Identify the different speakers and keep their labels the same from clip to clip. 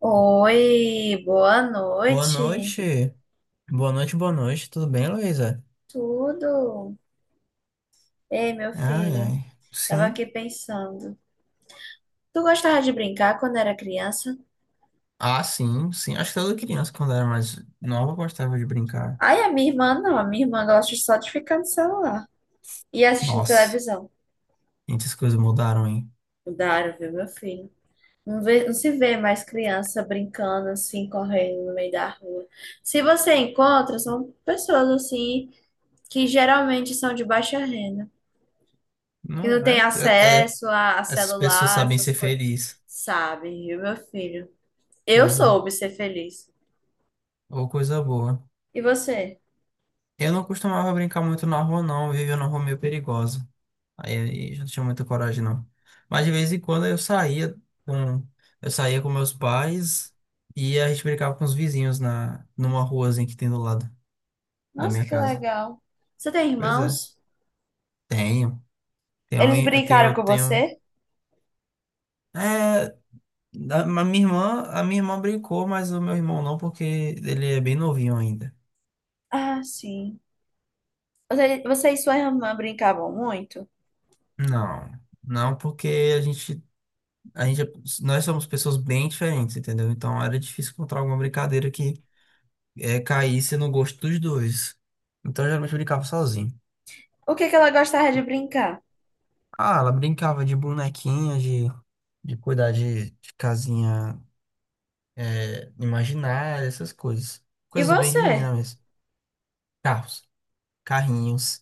Speaker 1: Oi, boa
Speaker 2: Boa
Speaker 1: noite.
Speaker 2: noite. Boa noite, boa noite. Tudo bem, Luísa?
Speaker 1: Tudo? Ei, meu
Speaker 2: Ai,
Speaker 1: filho,
Speaker 2: ai.
Speaker 1: tava
Speaker 2: Sim.
Speaker 1: aqui pensando. Tu gostava de brincar quando era criança?
Speaker 2: Ah, sim, sim. Acho que toda criança, quando era mais nova, gostava de brincar.
Speaker 1: Ai, a minha irmã não, a minha irmã gosta só de ficar no celular e assistindo
Speaker 2: Nossa,
Speaker 1: televisão.
Speaker 2: muitas coisas mudaram, hein?
Speaker 1: Mudaram, viu, meu filho? Não se vê mais criança brincando assim, correndo no meio da rua. Se você encontra, são pessoas assim que geralmente são de baixa renda. Que
Speaker 2: Não,
Speaker 1: não tem
Speaker 2: é? É, é.
Speaker 1: acesso a
Speaker 2: Essas pessoas
Speaker 1: celular,
Speaker 2: sabem ser
Speaker 1: essas coisas.
Speaker 2: felizes.
Speaker 1: Sabe, viu, meu filho? Eu
Speaker 2: Pois é.
Speaker 1: soube ser feliz.
Speaker 2: Ou coisa boa.
Speaker 1: E você?
Speaker 2: Eu não costumava brincar muito na rua, não. Eu vivia numa rua meio perigosa. Aí já não tinha muita coragem, não. Mas de vez em quando com, eu saía com meus pais e a gente brincava com os vizinhos numa ruazinha que tem do lado da
Speaker 1: Nossa,
Speaker 2: minha
Speaker 1: que
Speaker 2: casa.
Speaker 1: legal. Você tem
Speaker 2: Pois é.
Speaker 1: irmãos?
Speaker 2: Tenho. Tenho,
Speaker 1: Eles brincaram
Speaker 2: eu
Speaker 1: com
Speaker 2: tenho.
Speaker 1: você?
Speaker 2: É, a minha irmã, a minha irmã brincou, mas o meu irmão não, porque ele é bem novinho ainda.
Speaker 1: Ah, sim. Você e sua irmã brincavam muito?
Speaker 2: Não. Não, porque a gente, a gente, é- nós somos pessoas bem diferentes, entendeu? Então era difícil encontrar alguma brincadeira que caísse no gosto dos dois. Então, eu geralmente brincava sozinho.
Speaker 1: O que que ela gostava de brincar?
Speaker 2: Ah, ela brincava de bonequinha, de cuidar de casinha imaginária, essas coisas.
Speaker 1: E
Speaker 2: Coisas bem de
Speaker 1: você?
Speaker 2: menina mesmo. Carros, carrinhos,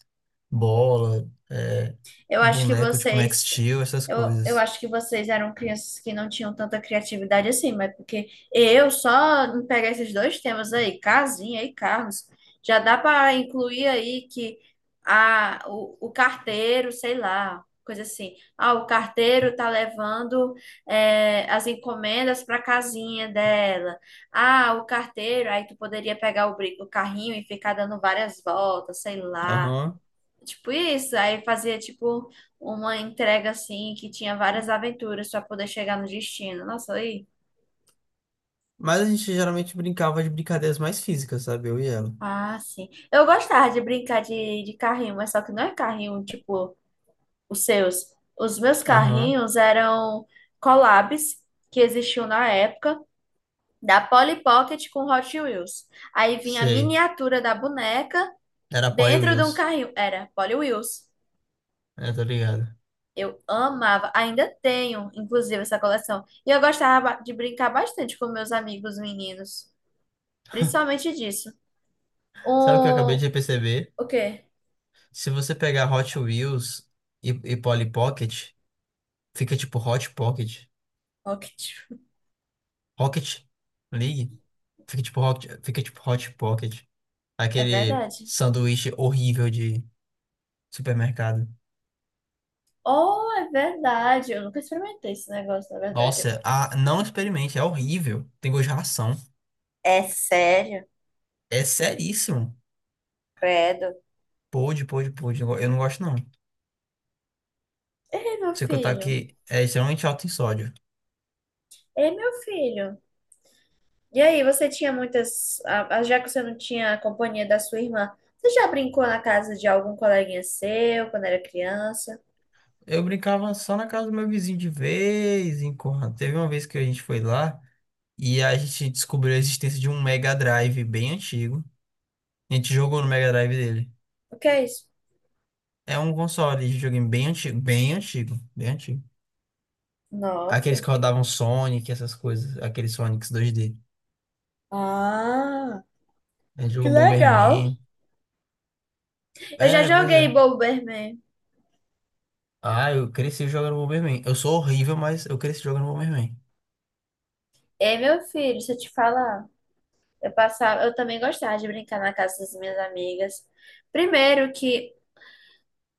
Speaker 2: bola,
Speaker 1: Eu acho que
Speaker 2: boneco tipo Max
Speaker 1: vocês.
Speaker 2: Steel, essas
Speaker 1: Eu
Speaker 2: coisas.
Speaker 1: acho que vocês eram crianças que não tinham tanta criatividade assim, mas porque eu só em pegar esses dois temas aí, casinha e carros, já dá para incluir aí que o carteiro, sei lá, coisa assim. Ah, o carteiro tá levando as encomendas para casinha dela. Ah, o carteiro, aí tu poderia pegar o carrinho e ficar dando várias voltas, sei lá.
Speaker 2: Aham.
Speaker 1: Tipo isso, aí fazia tipo uma entrega assim que tinha várias aventuras para poder chegar no destino. Nossa, aí.
Speaker 2: Mas a gente geralmente brincava de brincadeiras mais físicas, sabe? Eu e ela.
Speaker 1: Ah, sim. Eu gostava de brincar de carrinho, mas só que não é carrinho tipo os seus. Os meus
Speaker 2: Aham,
Speaker 1: carrinhos eram collabs que existiam na época da Polly Pocket com Hot Wheels. Aí vinha a
Speaker 2: sei.
Speaker 1: miniatura da boneca
Speaker 2: Era Poi
Speaker 1: dentro de um
Speaker 2: Wheels.
Speaker 1: carrinho. Era Polly Wheels.
Speaker 2: É, tô ligado.
Speaker 1: Eu amava, ainda tenho, inclusive, essa coleção. E eu gostava de brincar bastante com meus amigos meninos, principalmente disso.
Speaker 2: Sabe o que eu acabei
Speaker 1: O,
Speaker 2: de perceber?
Speaker 1: o quê?
Speaker 2: Se você pegar Hot Wheels e Polly Pocket, fica tipo Hot Pocket.
Speaker 1: Rocket.
Speaker 2: Rocket League? Fica tipo Rocket, fica tipo Hot Pocket.
Speaker 1: É
Speaker 2: Aquele
Speaker 1: verdade.
Speaker 2: sanduíche horrível de supermercado.
Speaker 1: Oh, é verdade. Eu nunca experimentei esse negócio, na verdade.
Speaker 2: Nossa, ah, não experimente, é horrível. Tem gosto de ração.
Speaker 1: É sério?
Speaker 2: É seríssimo.
Speaker 1: Credo.
Speaker 2: Pode, pode, pode. Eu não gosto, não.
Speaker 1: Ei, meu
Speaker 2: Sei que eu tá
Speaker 1: filho.
Speaker 2: aqui, é extremamente alto em sódio.
Speaker 1: Ei, meu filho. E aí, você tinha muitas. Já que você não tinha a companhia da sua irmã, você já brincou na casa de algum coleguinha seu quando era criança?
Speaker 2: Eu brincava só na casa do meu vizinho de vez em quando. Teve uma vez que a gente foi lá. E a gente descobriu a existência de um Mega Drive bem antigo. A gente jogou no Mega Drive dele.
Speaker 1: O que é isso?
Speaker 2: É um console de videogame bem antigo, bem antigo, bem antigo. Aqueles que
Speaker 1: Nossa.
Speaker 2: rodavam Sonic, essas coisas, aqueles Sonics 2D.
Speaker 1: Ah,
Speaker 2: A gente
Speaker 1: que
Speaker 2: jogou
Speaker 1: legal.
Speaker 2: Bomberman.
Speaker 1: Eu já
Speaker 2: É, pois
Speaker 1: joguei
Speaker 2: é.
Speaker 1: Bomberman.
Speaker 2: Ah, eu cresci jogando Bomberman. Eu sou horrível, mas eu cresci jogando Bomberman.
Speaker 1: Ei, meu filho, se eu te falar, eu passava, eu também gostava de brincar na casa das minhas amigas. Primeiro que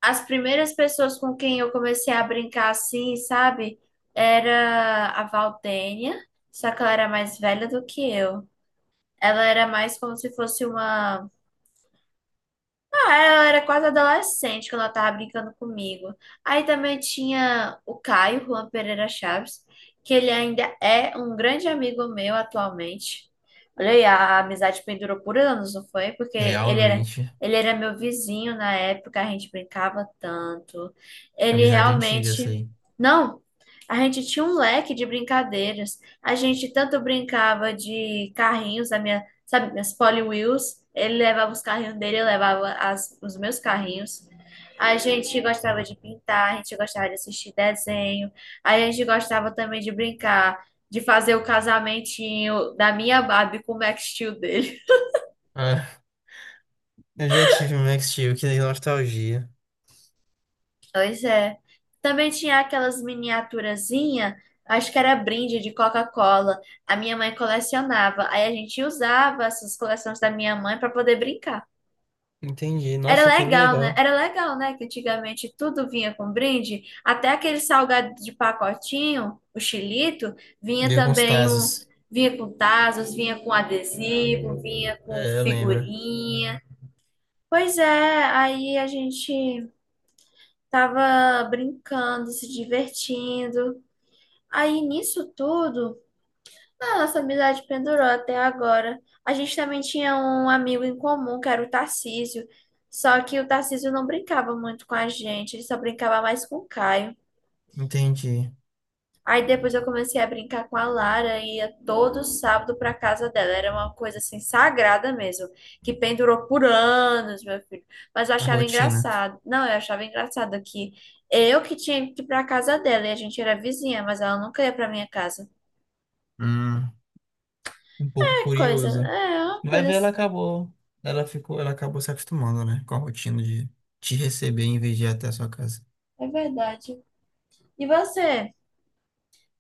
Speaker 1: as primeiras pessoas com quem eu comecei a brincar assim, sabe, era a Valdênia, só que ela era mais velha do que eu. Ela era mais como se fosse uma. Ah, ela era quase adolescente quando ela tava brincando comigo. Aí também tinha o Caio, Juan Pereira Chaves, que ele ainda é um grande amigo meu atualmente. Olha aí, a amizade pendurou por anos, não foi? Porque
Speaker 2: Realmente,
Speaker 1: ele era meu vizinho na época, a gente brincava tanto. Ele
Speaker 2: amizade antiga essa
Speaker 1: realmente.
Speaker 2: aí.
Speaker 1: Não, a gente tinha um leque de brincadeiras. A gente tanto brincava de carrinhos, a minha sabe, minhas Polly Wheels. Ele levava os carrinhos dele, eu levava os meus carrinhos. A gente gostava de pintar, a gente gostava de assistir desenho, a gente gostava também de brincar, de fazer o casamentinho da minha Barbie com o Max Steel dele.
Speaker 2: Ah, eu já tive um Max Steel, que nostalgia.
Speaker 1: Pois é. Também tinha aquelas miniaturazinhas, acho que era brinde de Coca-Cola. A minha mãe colecionava, aí a gente usava essas coleções da minha mãe para poder brincar.
Speaker 2: Entendi.
Speaker 1: Era
Speaker 2: Nossa, que
Speaker 1: legal, né?
Speaker 2: legal.
Speaker 1: Era legal, né? Que antigamente tudo vinha com brinde, até aquele salgado de pacotinho, o xilito, vinha
Speaker 2: Ver com os
Speaker 1: também um,
Speaker 2: Tazos.
Speaker 1: vinha com tazos, vinha com adesivo, vinha com
Speaker 2: É, eu lembro.
Speaker 1: figurinha. Pois é, aí a gente tava brincando, se divertindo. Aí nisso tudo nossa amizade pendurou até agora. A gente também tinha um amigo em comum, que era o Tarcísio. Só que o Tarcísio não brincava muito com a gente, ele só brincava mais com o Caio.
Speaker 2: Entendi.
Speaker 1: Aí depois eu comecei a brincar com a Lara e ia todo sábado para casa dela. Era uma coisa assim sagrada mesmo, que pendurou por anos, meu filho. Mas eu
Speaker 2: A
Speaker 1: achava
Speaker 2: rotina.
Speaker 1: engraçado. Não, eu achava engraçado que eu que tinha que ir para casa dela e a gente era vizinha, mas ela nunca ia para minha casa.
Speaker 2: Hum, um pouco curioso.
Speaker 1: É uma
Speaker 2: Vai
Speaker 1: coisa,
Speaker 2: ver, ela acabou. Ela acabou se acostumando, né? Com a rotina de te receber em vez de ir até a sua casa.
Speaker 1: é verdade. E você?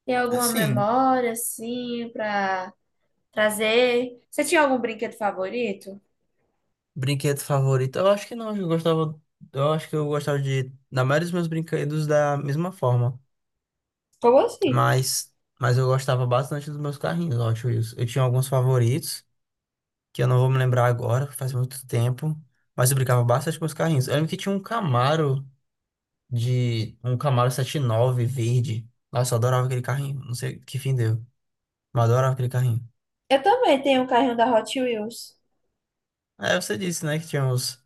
Speaker 1: Tem alguma
Speaker 2: Assim,
Speaker 1: memória, assim, pra trazer? Você tinha algum brinquedo favorito?
Speaker 2: brinquedo favorito? Eu acho que não, eu acho que eu gostava na maioria dos meus brinquedos da mesma forma,
Speaker 1: Como assim?
Speaker 2: mas mas eu gostava bastante dos meus carrinhos, eu acho isso. Eu tinha alguns favoritos que eu não vou me lembrar agora, faz muito tempo, mas eu brincava bastante com os carrinhos. Eu lembro que tinha um Camaro de um Camaro 79 verde. Nossa, eu adorava aquele carrinho. Não sei que fim deu, mas eu adorava aquele carrinho.
Speaker 1: Eu também tenho um carrinho da Hot Wheels.
Speaker 2: É, você disse, né, que tinha os,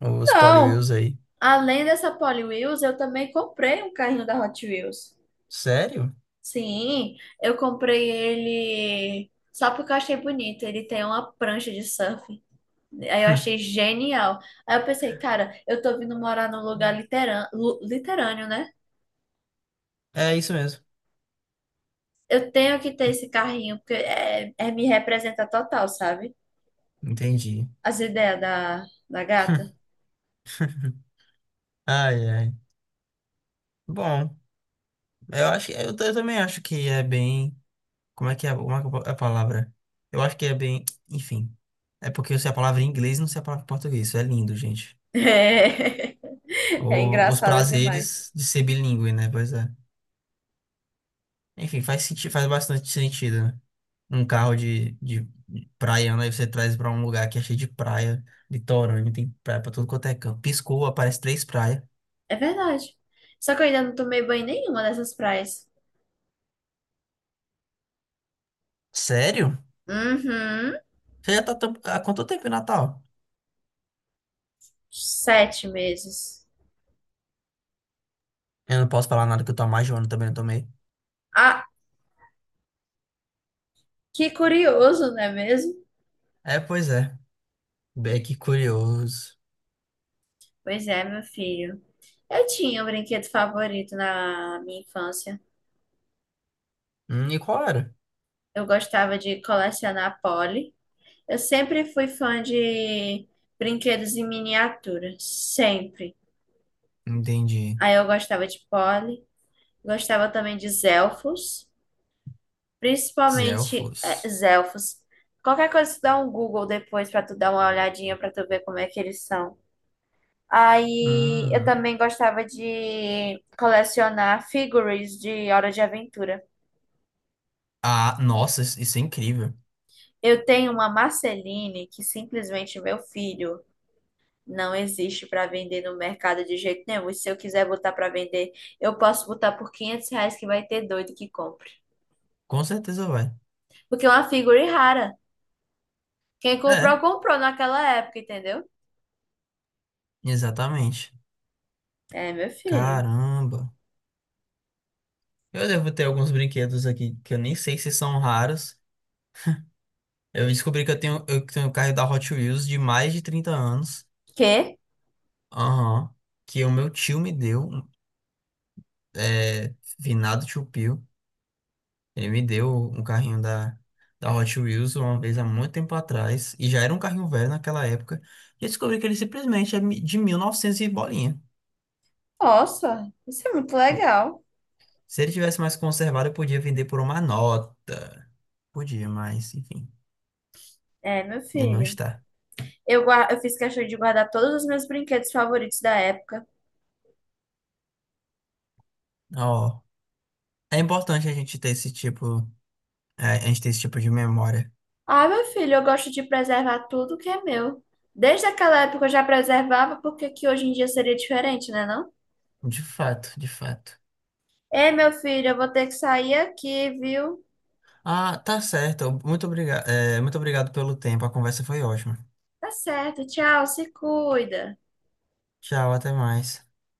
Speaker 2: os
Speaker 1: Não!
Speaker 2: Polywheels aí.
Speaker 1: Além dessa Polly Wheels, eu também comprei um carrinho da Hot Wheels.
Speaker 2: Sério?
Speaker 1: Sim, eu comprei ele só porque eu achei bonito. Ele tem uma prancha de surf. Aí eu achei genial. Aí eu pensei, cara, eu tô vindo morar num lugar litorâneo, né?
Speaker 2: É isso mesmo.
Speaker 1: Eu tenho que ter esse carrinho, porque é me representa total, sabe?
Speaker 2: Entendi.
Speaker 1: As ideias da, da gata.
Speaker 2: Ai, ai. Bom, eu acho que eu também acho que é bem. Como é que é a palavra? Eu acho que é bem. Enfim. É porque eu sei a palavra em inglês e não sei a palavra em português. Isso é lindo, gente.
Speaker 1: É, é
Speaker 2: Os
Speaker 1: engraçada demais.
Speaker 2: prazeres de ser bilíngue, né? Pois é. Enfim, faz sentido, faz bastante sentido, né? Um carro de praia, né? Aí você traz pra um lugar que é cheio de praia, litorâneo, tem praia pra tudo quanto é canto. Piscou, aparece três praias.
Speaker 1: É verdade. Só que eu ainda não tomei banho em nenhuma dessas praias.
Speaker 2: Sério?
Speaker 1: Uhum.
Speaker 2: Você há quanto tempo em Natal?
Speaker 1: 7 meses.
Speaker 2: Eu não posso falar nada que eu tô há mais de um ano também, não tomei.
Speaker 1: Ah, que curioso, não é mesmo?
Speaker 2: É, pois é. Bem que curioso.
Speaker 1: Pois é, meu filho. Eu tinha um brinquedo favorito na minha infância.
Speaker 2: E qual era?
Speaker 1: Eu gostava de colecionar Polly. Eu sempre fui fã de brinquedos em miniatura, sempre.
Speaker 2: Entendi.
Speaker 1: Aí eu gostava de Polly, gostava também de Zelfos, principalmente
Speaker 2: Zelfos.
Speaker 1: Zelfos. Qualquer coisa, tu dá um Google depois pra tu dar uma olhadinha pra tu ver como é que eles são. Aí eu
Speaker 2: Hum.
Speaker 1: também gostava de colecionar figurines de Hora de Aventura.
Speaker 2: Ah, nossa, isso é incrível.
Speaker 1: Eu tenho uma Marceline que simplesmente meu filho. Não existe para vender no mercado de jeito nenhum. E se eu quiser botar para vender, eu posso botar por R$ 500 que vai ter doido que compre.
Speaker 2: Com certeza vai.
Speaker 1: Porque é uma figura rara. Quem comprou,
Speaker 2: É,
Speaker 1: comprou naquela época, entendeu?
Speaker 2: exatamente.
Speaker 1: É, meu filho.
Speaker 2: Caramba. Eu devo ter alguns brinquedos aqui que eu nem sei se são raros. Eu descobri que eu tenho o carro da Hot Wheels de mais de 30 anos.
Speaker 1: Que?
Speaker 2: Aham. Que o meu tio me deu. É, finado tio Pio. Ele me deu um carrinho da Hot Wheels uma vez há muito tempo atrás. E já era um carrinho velho naquela época. E eu descobri que ele simplesmente de 1900 e bolinha.
Speaker 1: Nossa, isso é muito legal.
Speaker 2: Se ele tivesse mais conservado, eu podia vender por uma nota. Podia, mas enfim.
Speaker 1: É, meu
Speaker 2: Ele não
Speaker 1: filho.
Speaker 2: está.
Speaker 1: Eu fiz questão de guardar todos os meus brinquedos favoritos da época.
Speaker 2: Ó. É importante a gente ter esse tipo, a gente ter esse tipo de memória.
Speaker 1: Ah, meu filho, eu gosto de preservar tudo que é meu. Desde aquela época eu já preservava, porque que hoje em dia seria diferente, né, não?
Speaker 2: De fato, de fato.
Speaker 1: Ei, meu filho, eu vou ter que sair aqui, viu?
Speaker 2: Ah, tá certo. Muito obrigado pelo tempo. A conversa foi ótima.
Speaker 1: Tá certo, tchau, se cuida.
Speaker 2: Tchau, até mais.